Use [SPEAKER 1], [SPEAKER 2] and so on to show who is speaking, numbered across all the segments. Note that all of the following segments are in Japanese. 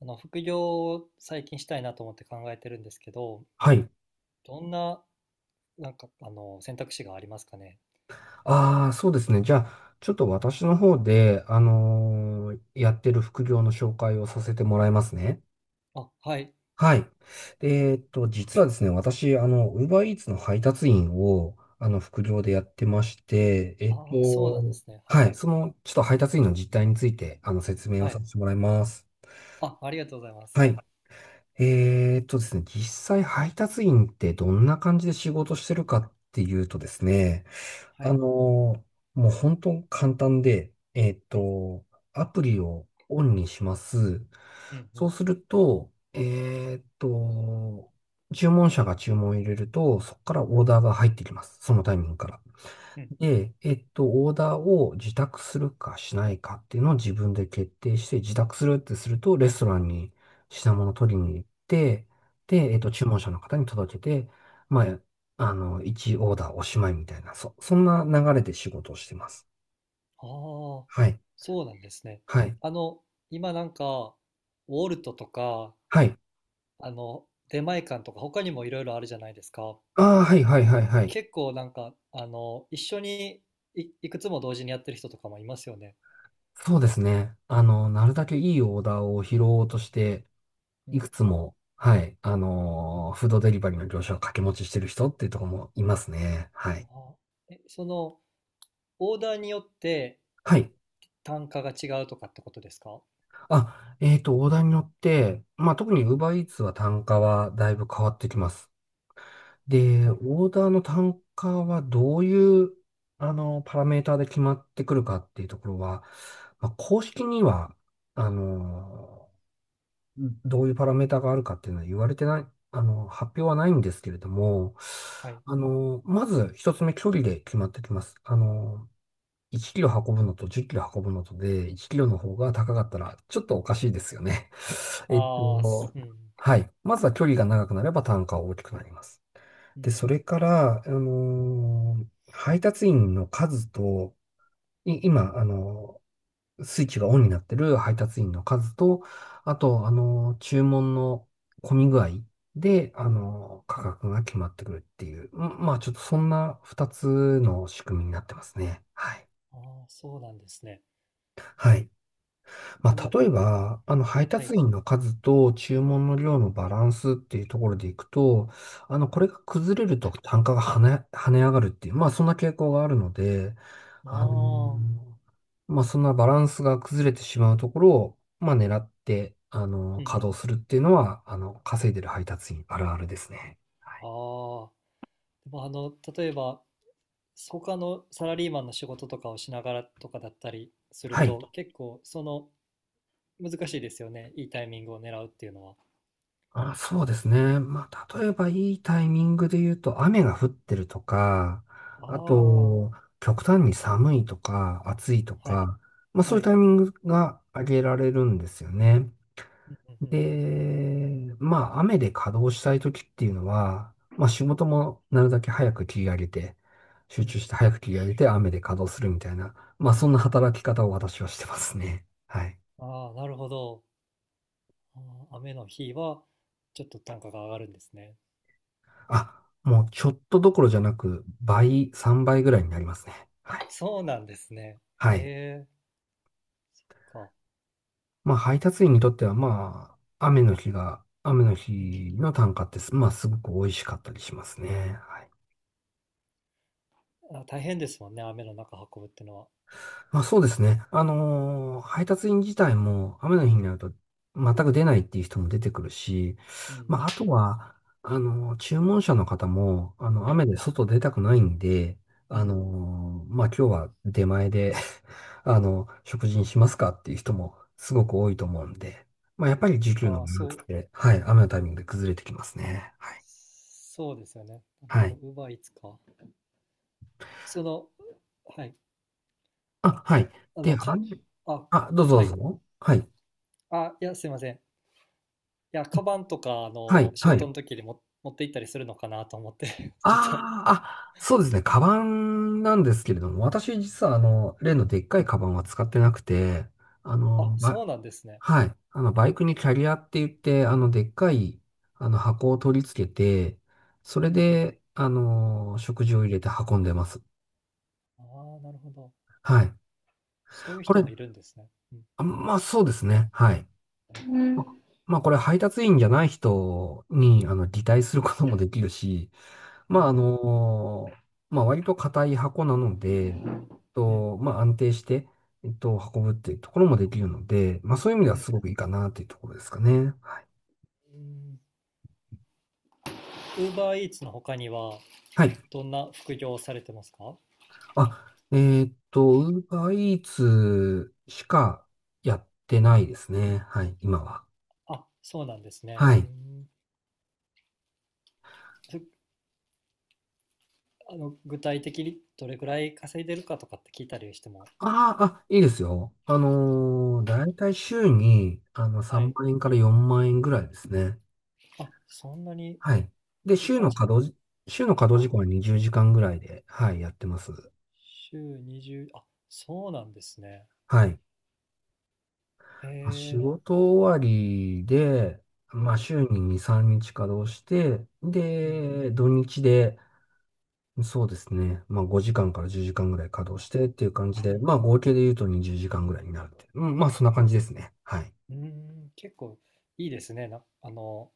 [SPEAKER 1] 副業を最近したいなと思って考えてるんですけど、
[SPEAKER 2] はい。
[SPEAKER 1] どんな、選択肢がありますかね。
[SPEAKER 2] ああ、そうですね。じゃあ、ちょっと私の方で、やってる副業の紹介をさせてもらいますね。
[SPEAKER 1] あ、はい。
[SPEAKER 2] はい。で実はですね、私、Uber Eats の配達員を、副業でやってまして、
[SPEAKER 1] ああ、そうなんですね。は
[SPEAKER 2] は
[SPEAKER 1] い。
[SPEAKER 2] い。その、ちょっと配達員の実態について、説明を
[SPEAKER 1] は
[SPEAKER 2] さ
[SPEAKER 1] い。
[SPEAKER 2] せてもらいます。
[SPEAKER 1] あ、ありがとうございます。
[SPEAKER 2] は
[SPEAKER 1] は
[SPEAKER 2] い。
[SPEAKER 1] い。
[SPEAKER 2] ですね、実際配達員ってどんな感じで仕事してるかっていうとですね、
[SPEAKER 1] は
[SPEAKER 2] あの
[SPEAKER 1] い。
[SPEAKER 2] ーもう本当簡単で、
[SPEAKER 1] うん、
[SPEAKER 2] アプリをオンにします。
[SPEAKER 1] うん、う
[SPEAKER 2] そう
[SPEAKER 1] ん、
[SPEAKER 2] すると、注文者が注文を入れると、そこからオーダーが入ってきます。そのタイミングから。
[SPEAKER 1] うん、
[SPEAKER 2] で、オーダーを自宅するかしないかっていうのを自分で決定して、自宅するってすると、レストランに品物を取りに行って、で、
[SPEAKER 1] うん。
[SPEAKER 2] 注文者の方に届けて、まあ、1オーダーおしまいみたいな、そんな流れで仕事をしてます。
[SPEAKER 1] ああ、
[SPEAKER 2] はい。
[SPEAKER 1] そうなんですね。
[SPEAKER 2] はい。
[SPEAKER 1] あの、今ウォルトとか、
[SPEAKER 2] はい。
[SPEAKER 1] 出前館とか、他にもいろいろあるじゃないですか。
[SPEAKER 2] ああ、はい、はい、はい、はい。
[SPEAKER 1] 結構一緒にいくつも同時にやってる人とかもいますよね。
[SPEAKER 2] そうですね。なるだけいいオーダーを拾おうとして、
[SPEAKER 1] う
[SPEAKER 2] い
[SPEAKER 1] ん。
[SPEAKER 2] くつも、はい、フードデリバリーの業者を掛け持ちしてる人っていうところもいますね。はい。
[SPEAKER 1] あー、え、その、オーダーによって
[SPEAKER 2] はい。
[SPEAKER 1] 単価が違うとかってことですか？
[SPEAKER 2] あ、オーダーによって、まあ、特に UberEats は単価はだいぶ変わってきます。で、
[SPEAKER 1] は
[SPEAKER 2] オ
[SPEAKER 1] い。
[SPEAKER 2] ーダーの単価はどういう、パラメーターで決まってくるかっていうところは、まあ、公式には、あの、どういうパラメーターがあるかっていうのは言われてない、発表はないんですけれども、
[SPEAKER 1] はい。
[SPEAKER 2] まず一つ目、距離で決まってきます。1キロ運ぶのと10キロ運ぶのとで、1キロの方が高かったら、ちょっとおかしいですよね。えっ
[SPEAKER 1] ああ、す
[SPEAKER 2] と、
[SPEAKER 1] うん。
[SPEAKER 2] はい。まずは距離が長くなれば単価は大きくなります。
[SPEAKER 1] うん、う
[SPEAKER 2] で、それから、配達員の数と、今、スイッチがオンになってる配達員の数と、あと、注文の混み具合で、
[SPEAKER 1] ん、うん。
[SPEAKER 2] 価格が決まってくるっていう、まあ、ちょっとそんな2つの仕組みになってますね。はい。
[SPEAKER 1] ああ、そうなんですね。
[SPEAKER 2] はい。ま
[SPEAKER 1] あ
[SPEAKER 2] あ、
[SPEAKER 1] の、
[SPEAKER 2] 例えば、配
[SPEAKER 1] は
[SPEAKER 2] 達
[SPEAKER 1] い。
[SPEAKER 2] 員の数と注文の量のバランスっていうところでいくと、
[SPEAKER 1] うん。
[SPEAKER 2] これが崩れると単価が跳ね上がるっていう、まあ、そんな傾向があるので、あ
[SPEAKER 1] ああ、
[SPEAKER 2] の、まあ、そんなバランスが崩れてしまうところを、まあ、狙って、
[SPEAKER 1] うん。
[SPEAKER 2] 稼働するっていうのは、稼いでる配達員あるあるですね。はい。
[SPEAKER 1] ああ。でも、例えば、他のサラリーマンの仕事とかをしながらとかだったりする
[SPEAKER 2] はい。
[SPEAKER 1] と、結構、難しいですよね。いいタイミングを狙うっていうのは。
[SPEAKER 2] あ、そうですね。まあ、例えばいいタイミングで言うと、雨が降ってるとか、
[SPEAKER 1] あ
[SPEAKER 2] あ
[SPEAKER 1] あ、
[SPEAKER 2] と、極端に寒いとか、暑いと
[SPEAKER 1] はい。
[SPEAKER 2] か、まあ、そう
[SPEAKER 1] は
[SPEAKER 2] いう
[SPEAKER 1] い。
[SPEAKER 2] タイミングが挙げられるんですよね。
[SPEAKER 1] うん、うん、う
[SPEAKER 2] で、まあ、雨で稼働したい時っていうのは、まあ、仕事もなるだけ早く切り上げて、
[SPEAKER 1] ん。
[SPEAKER 2] 集
[SPEAKER 1] う
[SPEAKER 2] 中
[SPEAKER 1] ん。
[SPEAKER 2] して早く切り上げて、雨で稼働するみたいな、まあ、そんな働き方を私はしてますね。はい。
[SPEAKER 1] ああ、なるほど。あ雨の日は、ちょっと単価が上がるんですね。
[SPEAKER 2] あ、もうちょっとどころじゃなく、倍、3倍ぐらいになりますね。
[SPEAKER 1] あ、
[SPEAKER 2] はい。
[SPEAKER 1] そうなんですね。
[SPEAKER 2] はい。
[SPEAKER 1] ええか。
[SPEAKER 2] まあ、配達員にとっては、まあ、雨の
[SPEAKER 1] うん。
[SPEAKER 2] 日の単価ってす、まあ、すごく美味しかったりしますね。はい。
[SPEAKER 1] あ、大変ですもんね、雨の中運ぶってのは。
[SPEAKER 2] まあ、そうですね。配達員自体も雨の日になると全く出ないっていう人も出てくるし、
[SPEAKER 1] うん。
[SPEAKER 2] まあ、あとは、注文者の方も、雨で外出たくないんで、
[SPEAKER 1] う
[SPEAKER 2] あの
[SPEAKER 1] ん。
[SPEAKER 2] まあ、今日は出前で 食事にしますかっていう人もすごく多いと思うんで、まあ、やっぱり需給の
[SPEAKER 1] あ
[SPEAKER 2] バ
[SPEAKER 1] あ、
[SPEAKER 2] ラン
[SPEAKER 1] そ
[SPEAKER 2] スっ
[SPEAKER 1] う。
[SPEAKER 2] て、はい、雨のタイミングで崩れてきますね。はい。
[SPEAKER 1] そうですよね。なるほ
[SPEAKER 2] は
[SPEAKER 1] ど。
[SPEAKER 2] い。
[SPEAKER 1] Uber Eats か。その、はい。
[SPEAKER 2] あ、はい。
[SPEAKER 1] あ
[SPEAKER 2] で、
[SPEAKER 1] の、か、
[SPEAKER 2] 雨、
[SPEAKER 1] あ、
[SPEAKER 2] あ、どうぞど
[SPEAKER 1] はい。
[SPEAKER 2] うぞ。はい。
[SPEAKER 1] あ、いや、すいません。いや、カバンとか、
[SPEAKER 2] はい。
[SPEAKER 1] 仕
[SPEAKER 2] は
[SPEAKER 1] 事
[SPEAKER 2] い。
[SPEAKER 1] の時にも持って行ったりするのかなと思って ちょっと
[SPEAKER 2] ああ、あ、そうですね。カバンなんですけれども、私実は例のでっかいカバンは使ってなくて、あ
[SPEAKER 1] あ、
[SPEAKER 2] の、ば、
[SPEAKER 1] そうなんですね。
[SPEAKER 2] はい。バイクにキャリアって言って、でっかい、箱を取り付けて、それ
[SPEAKER 1] うん、うん。
[SPEAKER 2] で、食事を入れて運んでます。
[SPEAKER 1] ああ、なるほど。
[SPEAKER 2] はい。
[SPEAKER 1] そういう
[SPEAKER 2] こ
[SPEAKER 1] 人
[SPEAKER 2] れ、
[SPEAKER 1] もいるんですね。うん。
[SPEAKER 2] まあそうですね。はい。ままあこれ配達員じゃない人に、擬態することもできるし、
[SPEAKER 1] う
[SPEAKER 2] まあ、
[SPEAKER 1] ん。
[SPEAKER 2] まあ、割と硬い箱なので、えっ
[SPEAKER 1] うん、
[SPEAKER 2] まあ、安定して、運ぶっていうところもできるので、まあ、そういう意味で
[SPEAKER 1] う
[SPEAKER 2] は
[SPEAKER 1] ん。
[SPEAKER 2] すごくいいかなっていうところですかね。
[SPEAKER 1] ウーバーイーツの他には、
[SPEAKER 2] はい。
[SPEAKER 1] どんな副業をされてますか？
[SPEAKER 2] あ、ウーバーイーツしかやってないですね。はい、今は。
[SPEAKER 1] あ、そうなんですね。
[SPEAKER 2] は
[SPEAKER 1] う
[SPEAKER 2] い。
[SPEAKER 1] ん。そ具体的にどれくらい稼いでるかとかって聞いたりしても、
[SPEAKER 2] いいですよ。だいたい週に、
[SPEAKER 1] は
[SPEAKER 2] 3
[SPEAKER 1] い。
[SPEAKER 2] 万円から4万円ぐらいですね。
[SPEAKER 1] あ、そんなに
[SPEAKER 2] はい。で、
[SPEAKER 1] いい感じ。
[SPEAKER 2] 週の稼働時間は20時間ぐらいで、はい、やってます。
[SPEAKER 1] 週20、あ、そうなんですね。
[SPEAKER 2] はい。
[SPEAKER 1] へ
[SPEAKER 2] まあ仕
[SPEAKER 1] え。
[SPEAKER 2] 事終わりで、ま
[SPEAKER 1] う
[SPEAKER 2] あ、
[SPEAKER 1] ん、
[SPEAKER 2] 週に2、3日稼働して、
[SPEAKER 1] うん、
[SPEAKER 2] で、土日で、そうですね、まあ、5時間から10時間ぐらい稼働してっていう感じ
[SPEAKER 1] う
[SPEAKER 2] で、
[SPEAKER 1] ん。
[SPEAKER 2] まあ、合計で言うと20時間ぐらいになるって。うん、まあ、そんな感じですね。はい。
[SPEAKER 1] うーん、結構いいですね。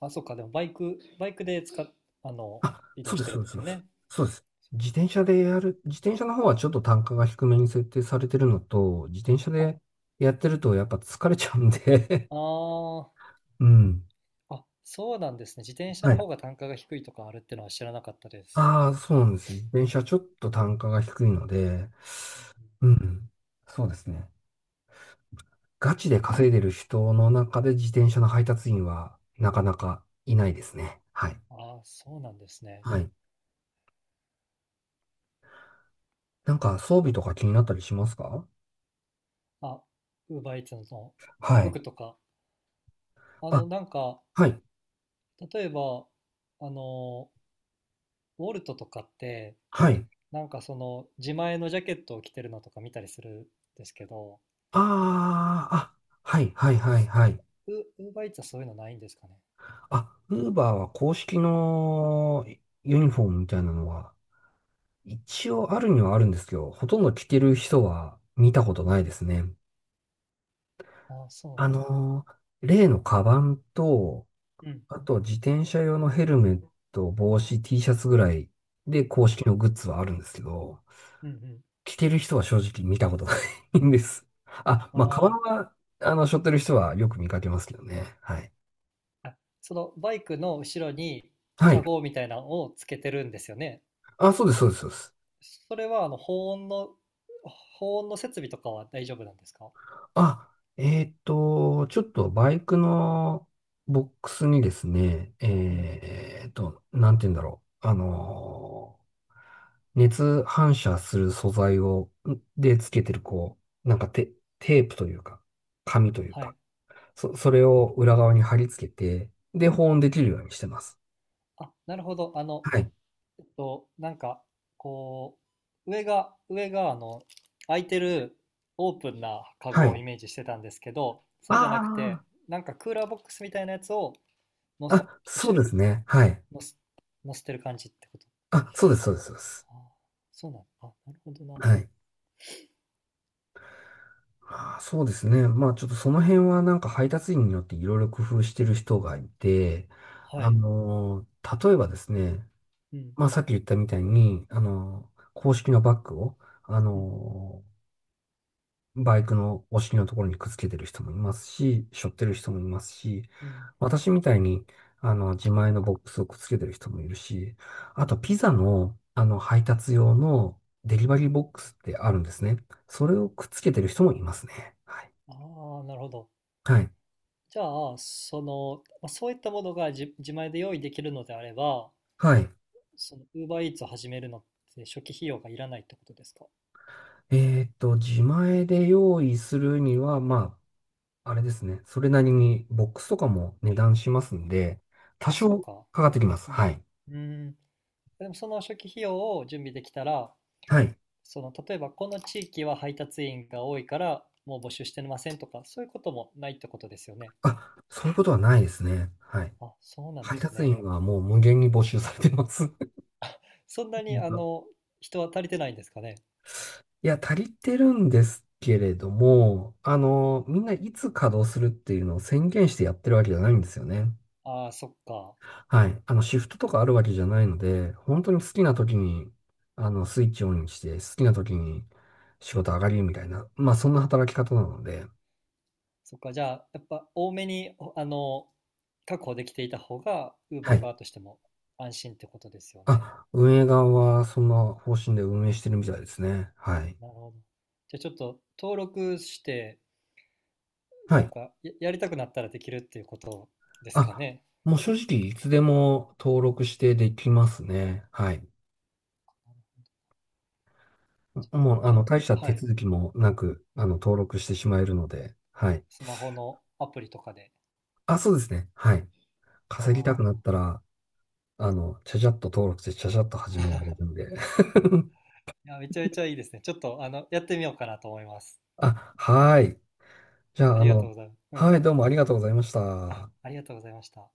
[SPEAKER 1] あ、そっか。でもバイクであの、
[SPEAKER 2] あ、
[SPEAKER 1] 移動
[SPEAKER 2] そう
[SPEAKER 1] し
[SPEAKER 2] で
[SPEAKER 1] て
[SPEAKER 2] す、
[SPEAKER 1] る
[SPEAKER 2] そ
[SPEAKER 1] ん
[SPEAKER 2] う
[SPEAKER 1] で
[SPEAKER 2] です、
[SPEAKER 1] す
[SPEAKER 2] そう
[SPEAKER 1] よ
[SPEAKER 2] です。
[SPEAKER 1] ね。
[SPEAKER 2] そうです。自転車の方はちょっと単価が低めに設定されてるのと、自転車
[SPEAKER 1] あ、あ
[SPEAKER 2] でやってるとやっぱ疲れちゃうんで
[SPEAKER 1] あ、
[SPEAKER 2] うん。
[SPEAKER 1] あ、そうなんですね。自転車
[SPEAKER 2] は
[SPEAKER 1] の
[SPEAKER 2] い。
[SPEAKER 1] 方が単価が低いとかあるってのは知らなかったです。
[SPEAKER 2] ああ、そうなんです。自転車ちょっと単価が低いので、
[SPEAKER 1] うん、
[SPEAKER 2] うん。そうですね。ガチで稼いでる人の中で自転車の配達員はなかなかいないですね。はい。
[SPEAKER 1] うん。あ、そうなんですね。
[SPEAKER 2] はい。なんか装備とか気になったりしますか？
[SPEAKER 1] あ、ウーバーイーツの
[SPEAKER 2] はい。
[SPEAKER 1] 服とか。あ
[SPEAKER 2] あ、
[SPEAKER 1] の、なんか、
[SPEAKER 2] はい。
[SPEAKER 1] 例えば、あの、ウォルトとかって、
[SPEAKER 2] はい。
[SPEAKER 1] 自前のジャケットを着てるのとか見たりするんですけど、
[SPEAKER 2] ああ、あ、はいはいはいはい。
[SPEAKER 1] ウ、ウーバーイーツはそういうのないんですかね。
[SPEAKER 2] あ、ウーバーは公式のユニフォームみたいなのは一応あるにはあるんですけど、ほとんど着てる人は見たこと
[SPEAKER 1] う
[SPEAKER 2] な
[SPEAKER 1] ん。
[SPEAKER 2] いですね。
[SPEAKER 1] あ、そ
[SPEAKER 2] 例のカバンと、
[SPEAKER 1] う。うん、
[SPEAKER 2] あと自転車用のヘルメット、帽子、T シャツぐらいで
[SPEAKER 1] う
[SPEAKER 2] 公
[SPEAKER 1] ん、
[SPEAKER 2] 式のグッズはあるんですけど、
[SPEAKER 1] うん、うん。
[SPEAKER 2] 着てる人は正直見たことないんです。あ、
[SPEAKER 1] あ
[SPEAKER 2] まあ、カバン
[SPEAKER 1] ー
[SPEAKER 2] は、背負ってる人はよく見かけますけどね。はい。
[SPEAKER 1] あそのバイクの後ろに、
[SPEAKER 2] は
[SPEAKER 1] カ
[SPEAKER 2] い。
[SPEAKER 1] ゴみたいなのをつけてるんですよね。
[SPEAKER 2] あ、そうです、そうです、そうです。
[SPEAKER 1] それは保温の設備とかは大丈夫なんですか？
[SPEAKER 2] あ、ちょっとバイクのボックスにですね、
[SPEAKER 1] うん、うん。
[SPEAKER 2] なんて言うんだろう。熱反射する素材を、つけてる、こう、なんかテープというか、紙という
[SPEAKER 1] は
[SPEAKER 2] か、
[SPEAKER 1] い。
[SPEAKER 2] それを裏側に貼り付けて、で、保温できるようにしてます。
[SPEAKER 1] あ、なるほど。
[SPEAKER 2] はい。
[SPEAKER 1] えっとなんかこ上が空いてるオープンなカ
[SPEAKER 2] は
[SPEAKER 1] ゴ
[SPEAKER 2] い。
[SPEAKER 1] をイメージしてたんですけど、そうじゃなくて
[SPEAKER 2] あ
[SPEAKER 1] クーラーボックスみたいなやつをの
[SPEAKER 2] あ、
[SPEAKER 1] す
[SPEAKER 2] あ、
[SPEAKER 1] う
[SPEAKER 2] そう
[SPEAKER 1] し
[SPEAKER 2] ですね。はい。
[SPEAKER 1] のすのせてる感じってこと？
[SPEAKER 2] あ、そうです、そうです、そうです。
[SPEAKER 1] ああ、そうなの。あ、なるほどな。
[SPEAKER 2] はい。ああ、そうですね。まあちょっとその辺はなんか配達員によっていろいろ工夫してる人がいて、
[SPEAKER 1] はい。
[SPEAKER 2] 例えばですね、
[SPEAKER 1] うん、
[SPEAKER 2] まあさっき言ったみたいに、公式のバッグを、あ
[SPEAKER 1] うん、
[SPEAKER 2] のバイクのお尻のところにくっつけてる人もいますし、背負ってる人もいますし、
[SPEAKER 1] うん、
[SPEAKER 2] 私みたいに、自前のボックスをくっつけてる人もいるし、あ
[SPEAKER 1] うん、う
[SPEAKER 2] とピ
[SPEAKER 1] ん。
[SPEAKER 2] ザの、配達用のデリバリーボックスってあるんですね。それをくっつけてる人もいますね。はい。
[SPEAKER 1] ああ、なるほど。
[SPEAKER 2] はい
[SPEAKER 1] じゃあ、まあ、そういったものが自前で用意できるのであれば、
[SPEAKER 2] はい。
[SPEAKER 1] その Uber Eats を始めるのって初期費用がいらないってことですか？
[SPEAKER 2] 自前で用意するには、まあ、あれですね。それなりにボックスとかも値段しますんで、多
[SPEAKER 1] あ、そっ
[SPEAKER 2] 少
[SPEAKER 1] か。
[SPEAKER 2] かかってきます。
[SPEAKER 1] うん。う
[SPEAKER 2] はい。
[SPEAKER 1] ーん。でもその初期費用を準備できたら、
[SPEAKER 2] はい。
[SPEAKER 1] 例えばこの地域は配達員が多いから、もう募集してませんとか、そういうこともないってことですよね。
[SPEAKER 2] あ、そういうことはないですね。はい。
[SPEAKER 1] あ、そうなんで
[SPEAKER 2] 配
[SPEAKER 1] す
[SPEAKER 2] 達
[SPEAKER 1] ね。
[SPEAKER 2] 員はもう無限に募集されてます。
[SPEAKER 1] そんなに、
[SPEAKER 2] 実は
[SPEAKER 1] 人は足りてないんですかね。
[SPEAKER 2] いや、足りてるんですけれども、みんないつ稼働するっていうのを宣言してやってるわけじゃないんですよね。
[SPEAKER 1] ああ、そっか。
[SPEAKER 2] はい。シフトとかあるわけじゃないので、本当に好きな時に、スイッチオンにして、好きな時に仕事上がりみたいな、まあ、そんな働き方なので、
[SPEAKER 1] そっか、じゃあ、やっぱ多めに、確保できていた方が、
[SPEAKER 2] は
[SPEAKER 1] Uber
[SPEAKER 2] い。
[SPEAKER 1] 側としても安心ってことですよね。
[SPEAKER 2] あ、運営側はそんな方針で運営してるみたいですね。はい。
[SPEAKER 1] なるほど。じゃあちょっと登録して、
[SPEAKER 2] はい。
[SPEAKER 1] やりたくなったらできるっていうことですか
[SPEAKER 2] あ、
[SPEAKER 1] ね。
[SPEAKER 2] もう正直、いつでも登録してできますね。はい。もう、
[SPEAKER 1] ちょっ
[SPEAKER 2] 大
[SPEAKER 1] と、
[SPEAKER 2] した手
[SPEAKER 1] はい。
[SPEAKER 2] 続きもなく、
[SPEAKER 1] うん。
[SPEAKER 2] 登録してしまえるので、はい。
[SPEAKER 1] スマホのアプリとかで。
[SPEAKER 2] あ、そうですね。はい。
[SPEAKER 1] あ
[SPEAKER 2] 稼ぎた
[SPEAKER 1] あ。
[SPEAKER 2] くなったら、ちゃちゃっと登録して、ちゃちゃっと始められるんで。
[SPEAKER 1] いや、めちゃめちゃいいですね。ちょっと、やってみようかなと思います。
[SPEAKER 2] あ、はい。じゃ
[SPEAKER 1] あ
[SPEAKER 2] あ、
[SPEAKER 1] りがとうございます。うん。
[SPEAKER 2] はい、どうもありがとうございまし
[SPEAKER 1] あ、
[SPEAKER 2] た。
[SPEAKER 1] ありがとうございました。